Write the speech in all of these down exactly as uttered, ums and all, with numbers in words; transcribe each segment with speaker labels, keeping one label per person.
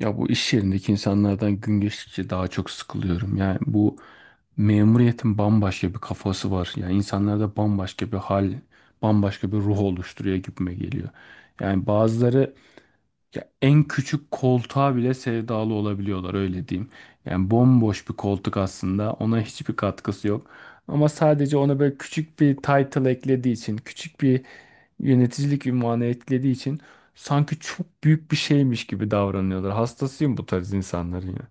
Speaker 1: Ya bu iş yerindeki insanlardan gün geçtikçe daha çok sıkılıyorum. Yani bu memuriyetin bambaşka bir kafası var. Yani insanlarda bambaşka bir hal, bambaşka bir ruh oluşturuyor gibime geliyor. Yani bazıları ya en küçük koltuğa bile sevdalı olabiliyorlar öyle diyeyim. Yani bomboş bir koltuk aslında ona hiçbir katkısı yok. Ama sadece ona böyle küçük bir title eklediği için, küçük bir yöneticilik ünvanı etkilediği için sanki çok büyük bir şeymiş gibi davranıyorlar. Hastasıyım bu tarz insanların ya.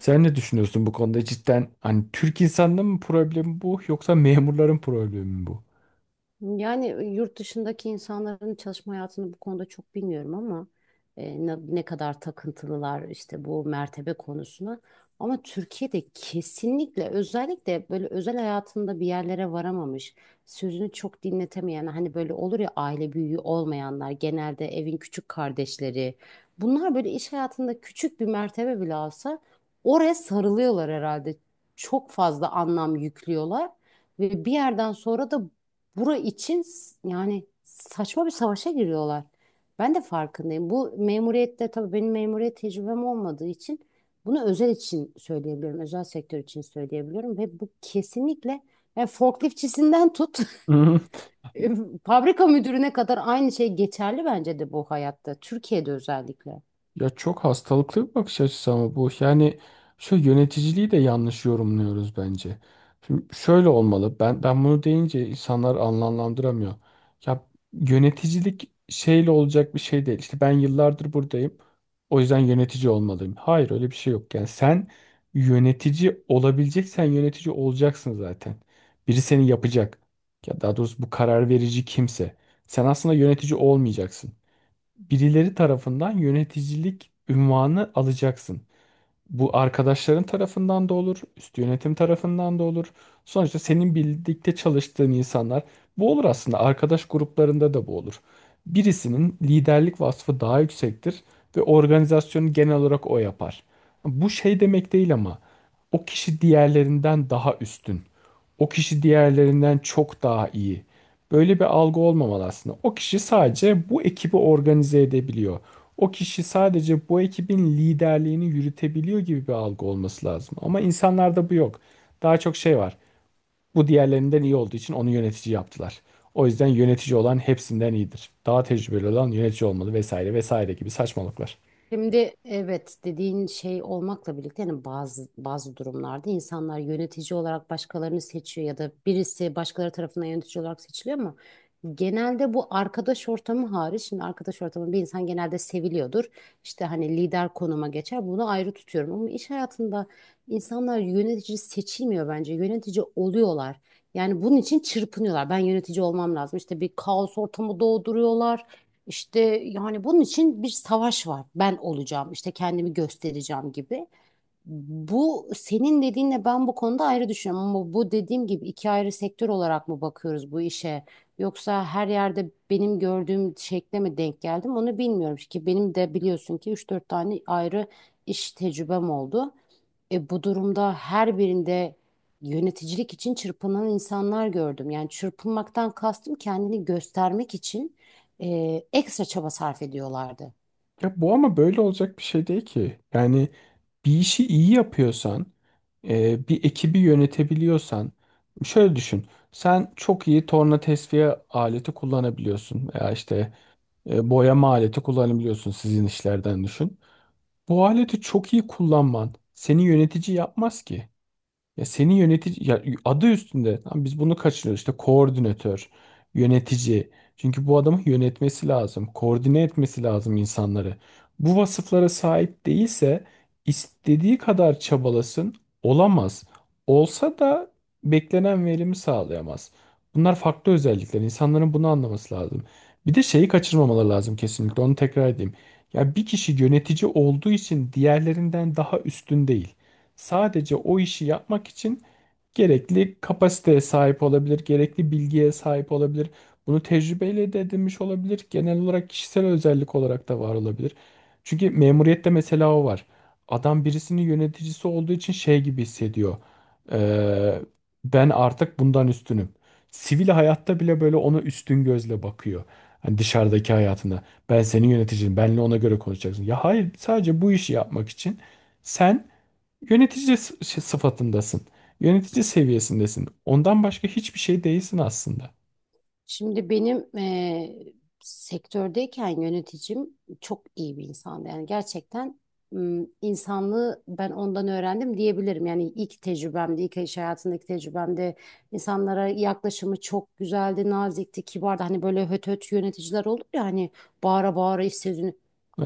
Speaker 1: Sen ne düşünüyorsun bu konuda? Cidden hani Türk insanının mı problemi bu yoksa memurların problemi mi bu?
Speaker 2: Yani yurt dışındaki insanların çalışma hayatını bu konuda çok bilmiyorum ama e, ne, ne kadar takıntılılar işte bu mertebe konusuna. Ama Türkiye'de kesinlikle, özellikle böyle özel hayatında bir yerlere varamamış, sözünü çok dinletemeyen, hani böyle olur ya, aile büyüğü olmayanlar, genelde evin küçük kardeşleri. Bunlar böyle iş hayatında küçük bir mertebe bile alsa oraya sarılıyorlar herhalde. Çok fazla anlam yüklüyorlar. Ve bir yerden sonra da bura için s- yani saçma bir savaşa giriyorlar. Ben de farkındayım. Bu memuriyette, tabii benim memuriyet tecrübem olmadığı için bunu özel için söyleyebiliyorum. Özel sektör için söyleyebiliyorum ve bu kesinlikle, yani forkliftçisinden tut fabrika müdürüne kadar aynı şey geçerli bence de bu hayatta. Türkiye'de özellikle.
Speaker 1: Ya çok hastalıklı bir bakış açısı ama bu. Yani şu yöneticiliği de yanlış yorumluyoruz bence. Şimdi şöyle olmalı. Ben ben bunu deyince insanlar anlamlandıramıyor. Ya yöneticilik şeyle olacak bir şey değil. İşte ben yıllardır buradayım. O yüzden yönetici olmalıyım. Hayır öyle bir şey yok. Yani sen yönetici olabileceksen yönetici olacaksın zaten. Biri seni yapacak. Ya daha doğrusu bu karar verici kimse. Sen aslında yönetici olmayacaksın, birileri tarafından yöneticilik unvanı alacaksın. Bu arkadaşların tarafından da olur, üst yönetim tarafından da olur. Sonuçta senin birlikte çalıştığın insanlar bu olur aslında. Arkadaş gruplarında da bu olur. Birisinin liderlik vasfı daha yüksektir ve organizasyonu genel olarak o yapar. Bu şey demek değil ama o kişi diğerlerinden daha üstün. O kişi diğerlerinden çok daha iyi. Böyle bir algı olmamalı aslında. O kişi sadece bu ekibi organize edebiliyor. O kişi sadece bu ekibin liderliğini yürütebiliyor gibi bir algı olması lazım. Ama insanlarda bu yok. Daha çok şey var. Bu diğerlerinden iyi olduğu için onu yönetici yaptılar. O yüzden yönetici olan hepsinden iyidir. Daha tecrübeli olan yönetici olmalı vesaire vesaire gibi saçmalıklar.
Speaker 2: Şimdi, evet, dediğin şey olmakla birlikte, yani bazı bazı durumlarda insanlar yönetici olarak başkalarını seçiyor ya da birisi başkaları tarafından yönetici olarak seçiliyor, ama genelde bu arkadaş ortamı hariç. Şimdi, arkadaş ortamı, bir insan genelde seviliyordur. İşte hani lider konuma geçer, bunu ayrı tutuyorum, ama iş hayatında insanlar yönetici seçilmiyor bence, yönetici oluyorlar. Yani bunun için çırpınıyorlar. Ben yönetici olmam lazım. İşte bir kaos ortamı doğduruyorlar. İşte yani bunun için bir savaş var. Ben olacağım, işte kendimi göstereceğim gibi. Bu senin dediğinle ben bu konuda ayrı düşünüyorum, ama bu dediğim gibi iki ayrı sektör olarak mı bakıyoruz bu işe? Yoksa her yerde benim gördüğüm şekle mi denk geldim, onu bilmiyorum ki. Benim de biliyorsun ki üç dört tane ayrı iş tecrübem oldu. E, bu durumda her birinde yöneticilik için çırpınan insanlar gördüm. Yani çırpınmaktan kastım, kendini göstermek için e, ekstra çaba sarf ediyorlardı.
Speaker 1: Ya bu ama böyle olacak bir şey değil ki. Yani bir işi iyi yapıyorsan, e, bir ekibi yönetebiliyorsan, şöyle düşün. Sen çok iyi torna tesviye aleti kullanabiliyorsun. Ya işte e, boyama aleti kullanabiliyorsun sizin işlerden düşün. Bu aleti çok iyi kullanman seni yönetici yapmaz ki. Ya senin yönetici ya adı üstünde. Tamam, biz bunu kaçırıyoruz. İşte koordinatör, yönetici. Çünkü bu adamın yönetmesi lazım, koordine etmesi lazım insanları. Bu vasıflara sahip değilse istediği kadar çabalasın olamaz. Olsa da beklenen verimi sağlayamaz. Bunlar farklı özellikler. İnsanların bunu anlaması lazım. Bir de şeyi kaçırmamaları lazım kesinlikle. Onu tekrar edeyim. Ya bir kişi yönetici olduğu için diğerlerinden daha üstün değil, sadece o işi yapmak için gerekli kapasiteye sahip olabilir, gerekli bilgiye sahip olabilir. Bunu tecrübeyle de edinmiş olabilir. Genel olarak kişisel özellik olarak da var olabilir. Çünkü memuriyette mesela o var. Adam birisinin yöneticisi olduğu için şey gibi hissediyor. Ee, ben artık bundan üstünüm. Sivil hayatta bile böyle ona üstün gözle bakıyor. Hani dışarıdaki hayatında. Ben senin yöneticinim. Benle ona göre konuşacaksın. Ya hayır, sadece bu işi yapmak için sen yönetici s- şey, sıfatındasın. Yönetici seviyesindesin. Ondan başka hiçbir şey değilsin aslında.
Speaker 2: Şimdi benim eee, sektördeyken yöneticim çok iyi bir insandı. Yani gerçekten m, insanlığı ben ondan öğrendim diyebilirim. Yani ilk tecrübemde, ilk iş hayatındaki tecrübemde insanlara yaklaşımı çok güzeldi, nazikti, kibardı. Hani böyle höt höt yöneticiler olur ya, hani bağıra bağıra iş sözünü.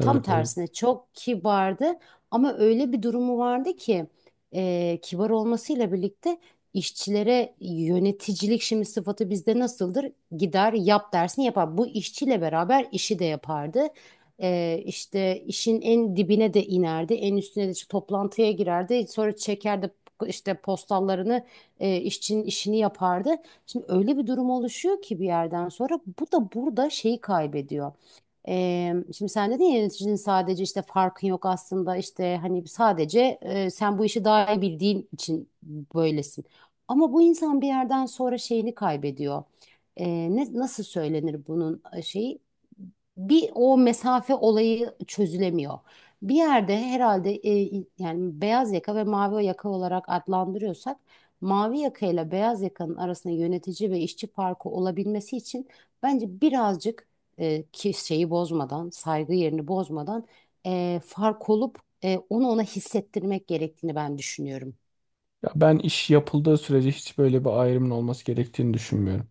Speaker 2: Tam
Speaker 1: evet.
Speaker 2: tersine çok kibardı, ama öyle bir durumu vardı ki eee, kibar olmasıyla birlikte İşçilere yöneticilik, şimdi sıfatı bizde nasıldır? Gider yap dersin, yapar. Bu işçiyle beraber işi de yapardı. Ee, işte işin en dibine de inerdi. En üstüne de işte toplantıya girerdi. Sonra çekerdi işte postallarını, e, işçinin işini yapardı. Şimdi öyle bir durum oluşuyor ki bir yerden sonra bu da burada şeyi kaybediyor. Ee, şimdi sen dedin ya, yöneticinin sadece, işte farkın yok aslında, işte hani sadece e, sen bu işi daha iyi bildiğin için böylesin. Ama bu insan bir yerden sonra şeyini kaybediyor. Ee, ne, nasıl söylenir bunun e, şeyi? Bir o mesafe olayı çözülemiyor. Bir yerde herhalde e, yani beyaz yaka ve mavi yaka olarak adlandırıyorsak, mavi yaka ile beyaz yakanın arasında yönetici ve işçi farkı olabilmesi için bence birazcık e, ki şeyi bozmadan, saygı yerini bozmadan, e, fark olup e, onu ona hissettirmek gerektiğini ben düşünüyorum.
Speaker 1: Ya ben iş yapıldığı sürece hiç böyle bir ayrımın olması gerektiğini düşünmüyorum.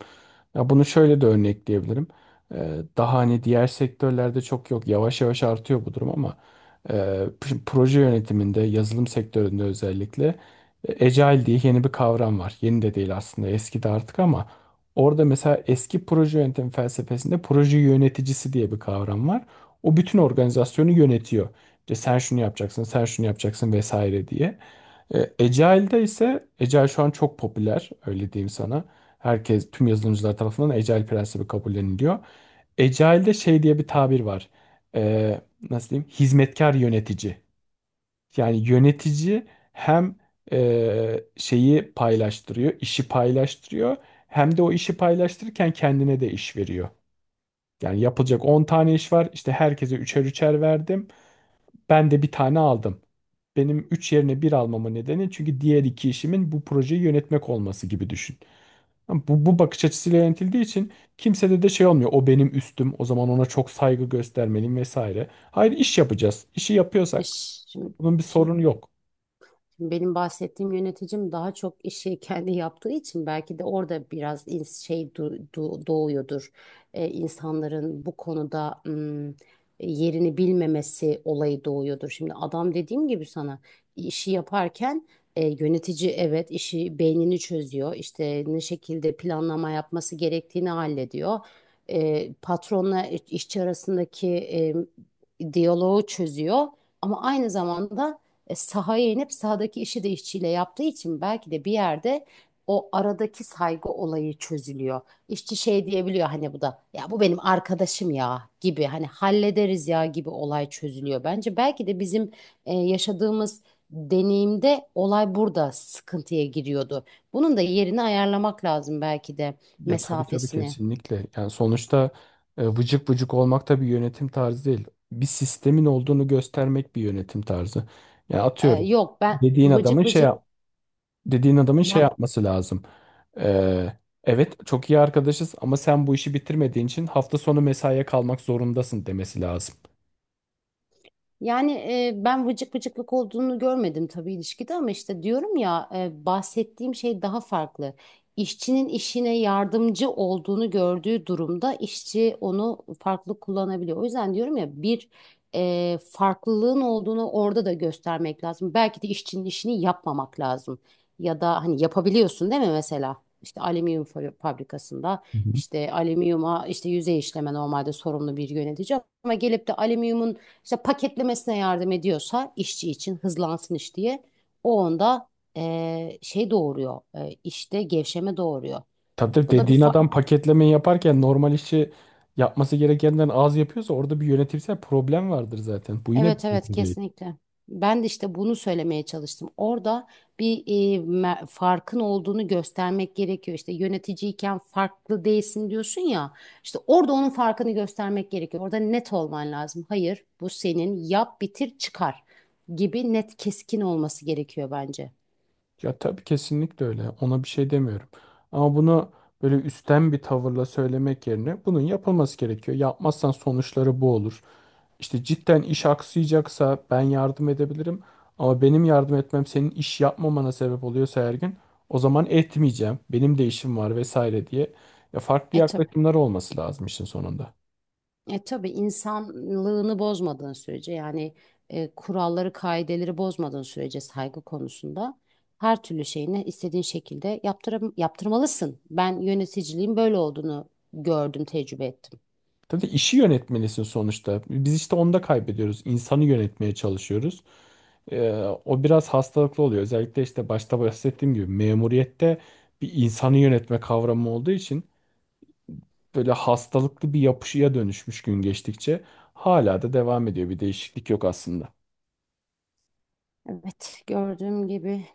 Speaker 1: Ya bunu şöyle de örnekleyebilirim. Ee, daha hani diğer sektörlerde çok yok. Yavaş yavaş artıyor bu durum ama e, p- proje yönetiminde, yazılım sektöründe özellikle e, Agile diye yeni bir kavram var. Yeni de değil aslında, eski de artık ama orada mesela eski proje yönetim felsefesinde proje yöneticisi diye bir kavram var. O bütün organizasyonu yönetiyor. İşte sen şunu yapacaksın, sen şunu yapacaksın vesaire diye. E, Agile'de ise Agile şu an çok popüler öyle diyeyim sana. Herkes tüm yazılımcılar tarafından Agile prensibi kabulleniliyor. Agile'de şey diye bir tabir var. E, Nasıl diyeyim? Hizmetkar yönetici. Yani yönetici hem e, şeyi paylaştırıyor, işi paylaştırıyor, hem de o işi paylaştırırken kendine de iş veriyor. Yani yapılacak on tane iş var. İşte herkese üçer üçer verdim. Ben de bir tane aldım. Benim üç yerine bir almama nedeni çünkü diğer iki işimin bu projeyi yönetmek olması gibi düşün. Ama Bu, bu bakış açısıyla yönetildiği için kimsede de şey olmuyor. O benim üstüm. O zaman ona çok saygı göstermeliyim vesaire. Hayır, iş yapacağız. İşi yapıyorsak
Speaker 2: Şimdi,
Speaker 1: bunun bir
Speaker 2: şimdi
Speaker 1: sorunu yok.
Speaker 2: Şimdi benim bahsettiğim yöneticim daha çok işi kendi yaptığı için belki de orada biraz ins- şey du- du- doğuyordur. Ee, insanların bu konuda ım, yerini bilmemesi olayı doğuyordur. Şimdi adam, dediğim gibi sana işi yaparken, e, yönetici evet işi beynini çözüyor. İşte ne şekilde planlama yapması gerektiğini hallediyor. E, patronla işçi arasındaki e, diyaloğu çözüyor. Ama aynı zamanda e, sahaya inip sahadaki işi de işçiyle yaptığı için belki de bir yerde o aradaki saygı olayı çözülüyor. İşçi şey diyebiliyor, hani bu da ya, bu benim arkadaşım ya gibi, hani hallederiz ya gibi olay çözülüyor. Bence belki de bizim e, yaşadığımız deneyimde olay burada sıkıntıya giriyordu. Bunun da yerini ayarlamak lazım belki de,
Speaker 1: Ya tabii tabii
Speaker 2: mesafesini.
Speaker 1: kesinlikle. Yani sonuçta e, vıcık vıcık olmak da bir yönetim tarzı değil. Bir sistemin olduğunu göstermek bir yönetim tarzı. Yani
Speaker 2: E,
Speaker 1: atıyorum
Speaker 2: yok ben
Speaker 1: dediğin adamın
Speaker 2: vıcık
Speaker 1: şey
Speaker 2: vıcık
Speaker 1: yap- dediğin adamın şey
Speaker 2: ben
Speaker 1: yapması lazım. Ee, evet çok iyi arkadaşız ama sen bu işi bitirmediğin için hafta sonu mesaiye kalmak zorundasın demesi lazım.
Speaker 2: Yani e, ben vıcık vıcıklık olduğunu görmedim tabii ilişkide, ama işte diyorum ya, e, bahsettiğim şey daha farklı. İşçinin işine yardımcı olduğunu gördüğü durumda işçi onu farklı kullanabiliyor. O yüzden diyorum ya, bir e, farklılığın olduğunu orada da göstermek lazım. Belki de işçinin işini yapmamak lazım. Ya da hani yapabiliyorsun değil mi mesela? İşte alüminyum fa- fabrikasında,
Speaker 1: Hı hı.
Speaker 2: işte alüminyuma işte yüzey işleme normalde sorumlu bir yönetici, ama gelip de alüminyumun işte paketlemesine yardım ediyorsa işçi için hızlansın iş diye, o onda eee, şey doğuruyor, eee, işte gevşeme doğuruyor.
Speaker 1: Tabii tabii
Speaker 2: Bu da bir
Speaker 1: dediğin
Speaker 2: fa
Speaker 1: adam paketlemeyi yaparken normal işi yapması gerekenden az yapıyorsa orada bir yönetimsel problem vardır zaten. Bu yine bir
Speaker 2: Evet, evet,
Speaker 1: çözüm değil.
Speaker 2: kesinlikle. Ben de işte bunu söylemeye çalıştım. Orada bir eee, me- farkın olduğunu göstermek gerekiyor. İşte yöneticiyken farklı değilsin diyorsun ya. İşte orada onun farkını göstermek gerekiyor. Orada net olman lazım. Hayır, bu senin, yap, bitir, çıkar gibi net, keskin olması gerekiyor bence.
Speaker 1: Ya tabii kesinlikle öyle. Ona bir şey demiyorum. Ama bunu böyle üstten bir tavırla söylemek yerine bunun yapılması gerekiyor. Yapmazsan sonuçları bu olur. İşte cidden iş aksayacaksa ben yardım edebilirim. Ama benim yardım etmem senin iş yapmamana sebep oluyorsa her gün o zaman etmeyeceğim. Benim de işim var vesaire diye. Ya farklı
Speaker 2: E tabii.
Speaker 1: yaklaşımlar olması lazım işin sonunda.
Speaker 2: E tabii, insanlığını bozmadığın sürece, yani e, kuralları, kaideleri bozmadığın sürece saygı konusunda her türlü şeyini istediğin şekilde yaptırım, yaptırmalısın. Ben yöneticiliğin böyle olduğunu gördüm, tecrübe ettim.
Speaker 1: Tabii işi yönetmelisin sonuçta. Biz işte onda kaybediyoruz. İnsanı yönetmeye çalışıyoruz. Ee, o biraz hastalıklı oluyor. Özellikle işte başta bahsettiğim gibi memuriyette bir insanı yönetme kavramı olduğu için böyle hastalıklı bir yapışıya dönüşmüş, gün geçtikçe hala da devam ediyor. Bir değişiklik yok aslında.
Speaker 2: Evet, gördüğüm gibi